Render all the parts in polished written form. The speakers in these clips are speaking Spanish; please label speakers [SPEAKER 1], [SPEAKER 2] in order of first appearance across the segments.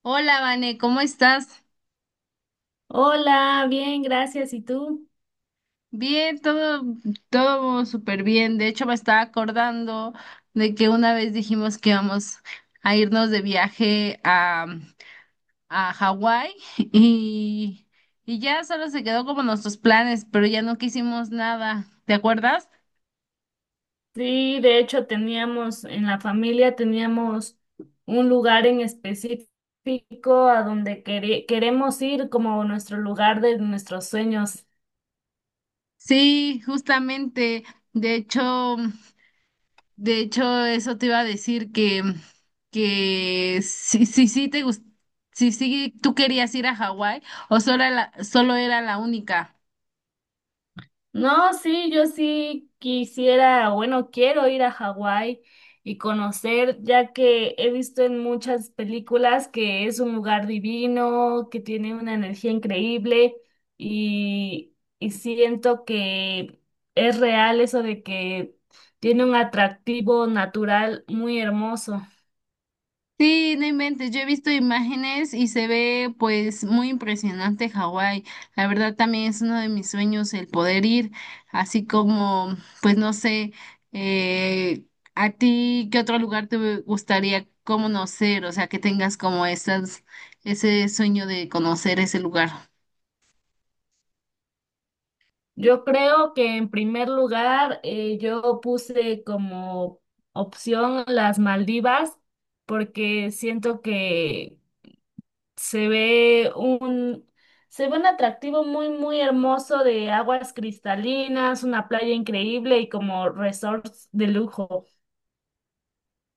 [SPEAKER 1] Hola, Vane, ¿cómo estás?
[SPEAKER 2] Hola, bien, gracias. ¿Y tú?
[SPEAKER 1] Bien, todo súper bien. De hecho, me estaba acordando de que una vez dijimos que íbamos a irnos de viaje a Hawái y, y ya solo se quedó como nuestros planes, pero ya no quisimos nada. ¿Te acuerdas?
[SPEAKER 2] Sí, de hecho teníamos en la familia teníamos un lugar en específico a donde queremos ir como nuestro lugar de nuestros sueños.
[SPEAKER 1] Sí, justamente. De hecho. De hecho, eso te iba a decir que sí te gust- si, sí tú querías ir a Hawái o solo era la única.
[SPEAKER 2] No, sí, yo sí quisiera, bueno, quiero ir a Hawái y conocer, ya que he visto en muchas películas que es un lugar divino, que tiene una energía increíble y siento que es real eso de que tiene un atractivo natural muy hermoso.
[SPEAKER 1] Sí, no inventes, yo he visto imágenes y se ve pues muy impresionante Hawái. La verdad también es uno de mis sueños el poder ir, así como pues no sé, eh, a ti qué otro lugar te gustaría conocer, o sea, que tengas como ese sueño de conocer ese lugar.
[SPEAKER 2] Yo creo que en primer lugar yo puse como opción las Maldivas porque siento que se ve un se ve un atractivo muy muy hermoso de aguas cristalinas, una playa increíble y como resorts de lujo.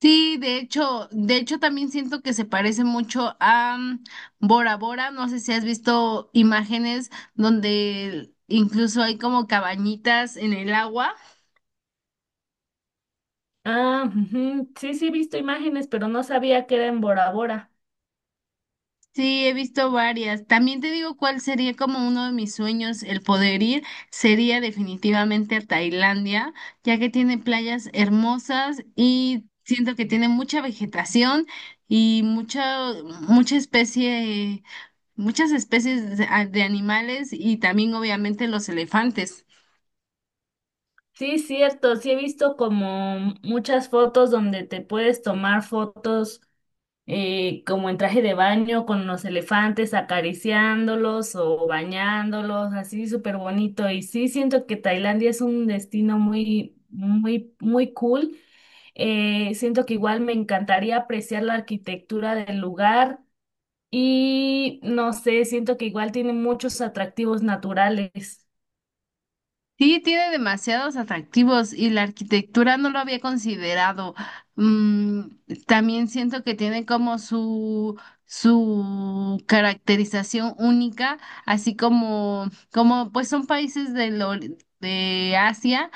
[SPEAKER 1] Sí, de hecho también siento que se parece mucho a Bora Bora. No sé si has visto imágenes donde incluso hay como cabañitas en el agua.
[SPEAKER 2] Ah, ujú. Sí, sí he visto imágenes, pero no sabía que era en Bora Bora.
[SPEAKER 1] Sí, he visto varias. También te digo cuál sería como uno de mis sueños, el poder ir, sería definitivamente a Tailandia, ya que tiene playas hermosas y siento que tiene mucha vegetación y mucha especie, muchas especies de animales y también obviamente los elefantes.
[SPEAKER 2] Sí, cierto, sí he visto como muchas fotos donde te puedes tomar fotos como en traje de baño con los elefantes acariciándolos o bañándolos, así súper bonito. Y sí, siento que Tailandia es un destino muy, muy, muy cool. Siento que igual me encantaría apreciar la arquitectura del lugar y no sé, siento que igual tiene muchos atractivos naturales.
[SPEAKER 1] Sí, tiene demasiados atractivos y la arquitectura no lo había considerado. Mm, También siento que tiene como su caracterización única, así como pues son países de Asia,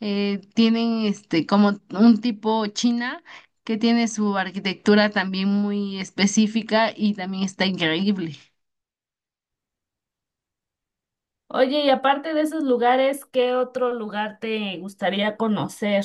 [SPEAKER 1] tienen este como un tipo China que tiene su arquitectura también muy específica y también está increíble.
[SPEAKER 2] Oye, y aparte de esos lugares, ¿qué otro lugar te gustaría conocer?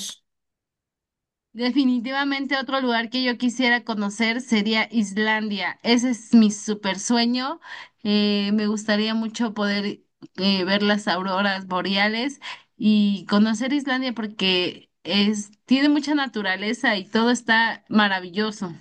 [SPEAKER 1] Definitivamente otro lugar que yo quisiera conocer sería Islandia. Ese es mi super sueño. Me gustaría mucho poder ver las auroras boreales y conocer Islandia porque es, tiene mucha naturaleza y todo está maravilloso.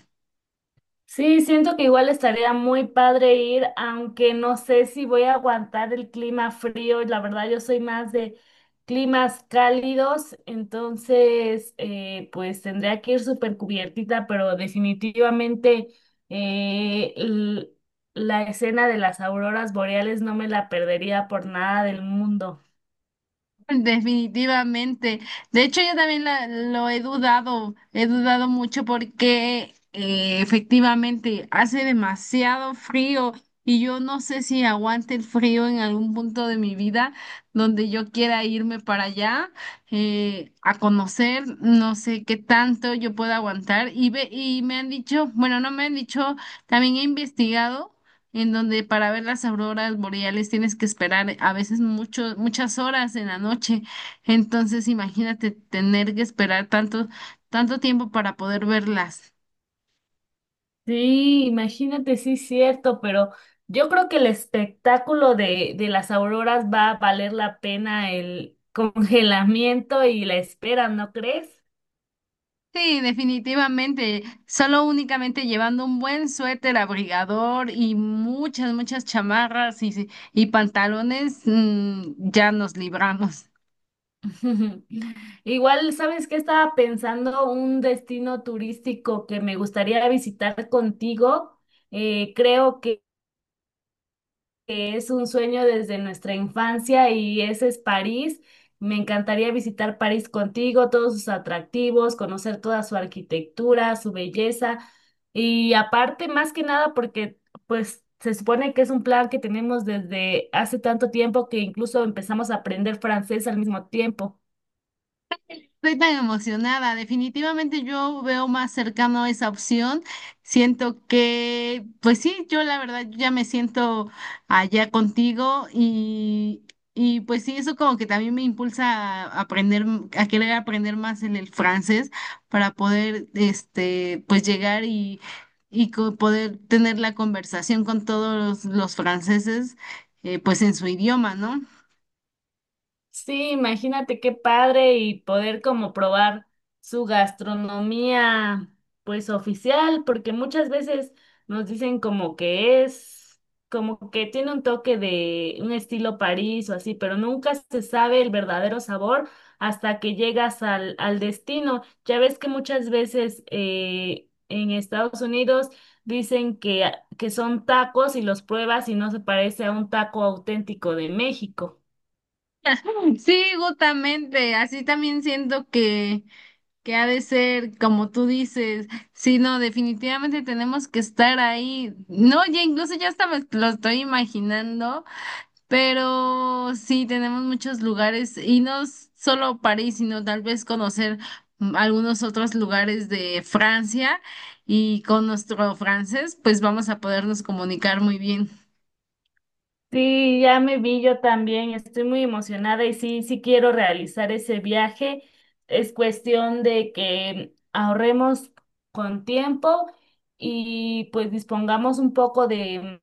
[SPEAKER 2] Sí, siento que igual estaría muy padre ir, aunque no sé si voy a aguantar el clima frío. La verdad, yo soy más de climas cálidos, entonces pues tendría que ir súper cubiertita, pero definitivamente eh, l- la escena de las auroras boreales no me la perdería por nada del mundo.
[SPEAKER 1] Definitivamente. De hecho, yo también lo he dudado mucho porque efectivamente hace demasiado frío y yo no sé si aguante el frío en algún punto de mi vida donde yo quiera irme para allá a conocer, no sé qué tanto yo pueda aguantar y y me han dicho, bueno, no me han dicho, también he investigado en donde para ver las auroras boreales tienes que esperar a veces mucho, muchas horas en la noche. Entonces, imagínate tener que esperar tanto tiempo para poder verlas.
[SPEAKER 2] Sí, imagínate, sí, cierto, pero yo creo que el espectáculo de las auroras va a valer la pena el congelamiento y la espera, ¿no crees?
[SPEAKER 1] Sí, definitivamente. Solo únicamente llevando un buen suéter abrigador y muchas chamarras y pantalones, ya nos libramos.
[SPEAKER 2] Igual, ¿sabes qué? Estaba pensando un destino turístico que me gustaría visitar contigo. Creo que es un sueño desde nuestra infancia y ese es París. Me encantaría visitar París contigo, todos sus atractivos, conocer toda su arquitectura, su belleza y aparte más que nada porque pues se supone que es un plan que tenemos desde hace tanto tiempo que incluso empezamos a aprender francés al mismo tiempo.
[SPEAKER 1] Estoy tan emocionada. Definitivamente yo veo más cercano esa opción. Siento pues sí, yo la verdad yo ya me siento allá contigo y pues sí, eso como que también me impulsa a a querer aprender más en el francés para poder, este, pues poder tener la conversación con los franceses, pues en su idioma, ¿no?
[SPEAKER 2] Sí, imagínate qué padre y poder como probar su gastronomía pues oficial, porque muchas veces nos dicen como que es, como que tiene un toque de un estilo París o así, pero nunca se sabe el verdadero sabor hasta que llegas al destino. Ya ves que muchas veces en Estados Unidos dicen que son tacos y los pruebas y no se parece a un taco auténtico de México.
[SPEAKER 1] Sí, justamente. Así también siento que ha de ser, como tú dices, sí, no, definitivamente tenemos que estar ahí. No, ya incluso ya hasta me lo estoy imaginando, pero sí, tenemos muchos lugares y no s- solo París, sino tal vez conocer algunos otros lugares de Francia y con nuestro francés, pues vamos a podernos comunicar muy bien.
[SPEAKER 2] Sí, ya me vi yo también, estoy muy emocionada y sí, sí quiero realizar ese viaje. Es cuestión de que ahorremos con tiempo y pues dispongamos un poco de,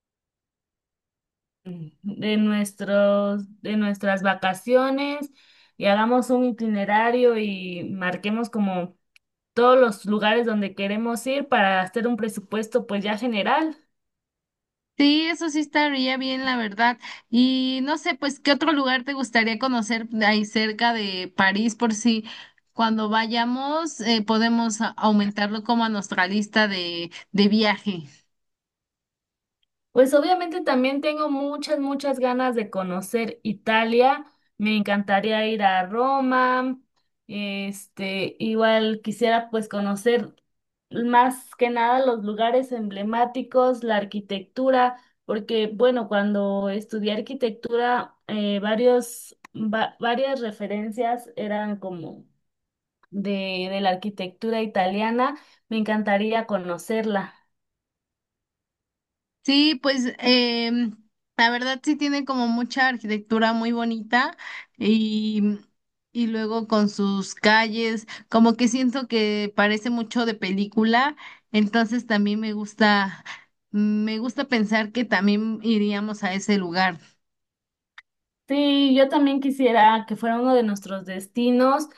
[SPEAKER 2] de nuestros, de nuestras vacaciones y hagamos un itinerario y marquemos como todos los lugares donde queremos ir para hacer un presupuesto pues ya general.
[SPEAKER 1] Sí, eso sí estaría bien, la verdad. Y no sé, pues, ¿qué otro lugar te gustaría conocer de ahí cerca de París? Por si cuando vayamos, podemos aumentarlo como a nuestra lista de viaje.
[SPEAKER 2] Pues obviamente también tengo muchas, muchas ganas de conocer Italia. Me encantaría ir a Roma. Este, igual quisiera pues conocer más que nada los lugares emblemáticos, la arquitectura, porque bueno, cuando estudié arquitectura, varias referencias eran como de la arquitectura italiana. Me encantaría conocerla.
[SPEAKER 1] Sí, pues la verdad sí tiene como mucha arquitectura muy bonita y, y luego con sus calles, como que siento que parece mucho de película, entonces también me me gusta pensar que también iríamos a ese lugar.
[SPEAKER 2] Sí, yo también quisiera que fuera uno de nuestros destinos.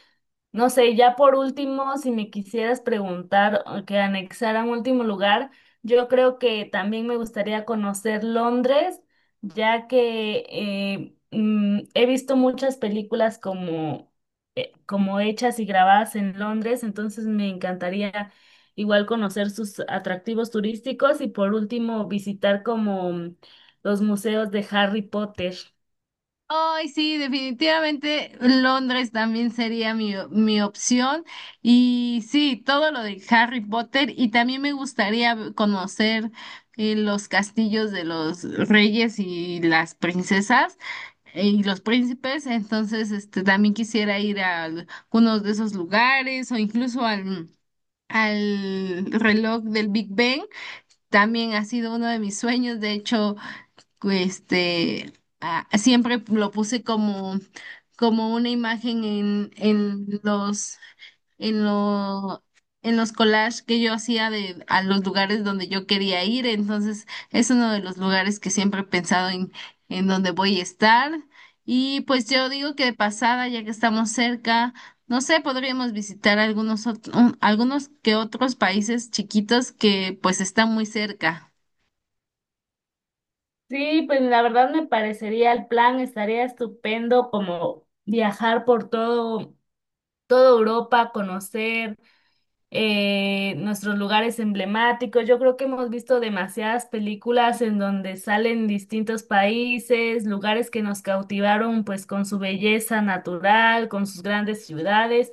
[SPEAKER 2] No sé, ya por último, si me quisieras preguntar o que anexara un último lugar, yo creo que también me gustaría conocer Londres, ya que he visto muchas películas como hechas y grabadas en Londres, entonces me encantaría igual conocer sus atractivos turísticos y por último visitar como los museos de Harry Potter.
[SPEAKER 1] Ay, sí, definitivamente Londres también sería mi opción. Y sí, todo lo de Harry Potter. Y también me gustaría conocer los castillos de los reyes y las princesas y los príncipes. Entonces, este, también quisiera ir a algunos de esos lugares o incluso al reloj del Big Ben. También ha sido uno de mis sueños. De hecho, este, ah, siempre lo puse como una imagen en en lo- en los collages que yo hacía de, a los lugares donde yo quería ir. Entonces, es uno de los lugares que siempre he pensado en donde voy a estar. Y pues yo digo que de pasada, ya que estamos cerca, no sé, podríamos visitar algunos que otros países chiquitos que pues están muy cerca.
[SPEAKER 2] Sí, pues la verdad me parecería el plan, estaría estupendo como viajar toda Europa, conocer nuestros lugares emblemáticos. Yo creo que hemos visto demasiadas películas en donde salen distintos países, lugares que nos cautivaron pues con su belleza natural, con sus grandes ciudades.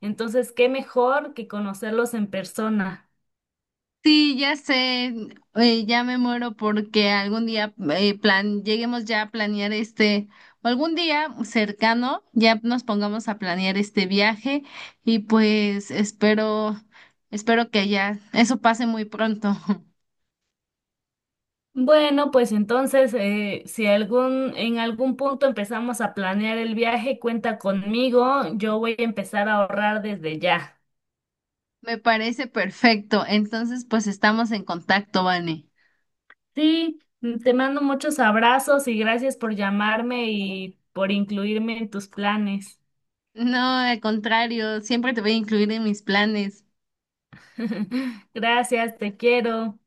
[SPEAKER 2] Entonces, ¿qué mejor que conocerlos en persona?
[SPEAKER 1] Sí, ya sé, ya me muero porque algún día lleguemos ya a planear o algún día cercano, ya nos pongamos a planear este viaje y pues espero que ya eso pase muy pronto.
[SPEAKER 2] Bueno, pues entonces, si en algún punto empezamos a planear el viaje, cuenta conmigo, yo voy a empezar a ahorrar desde ya.
[SPEAKER 1] Me parece perfecto. Entonces, pues estamos en contacto, Vane.
[SPEAKER 2] Sí, te mando muchos abrazos y gracias por llamarme y por incluirme en tus planes.
[SPEAKER 1] No, al contrario, siempre te voy a incluir en mis planes.
[SPEAKER 2] Gracias, te quiero.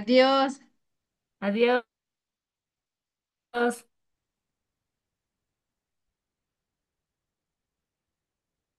[SPEAKER 1] Adiós.
[SPEAKER 2] Adiós.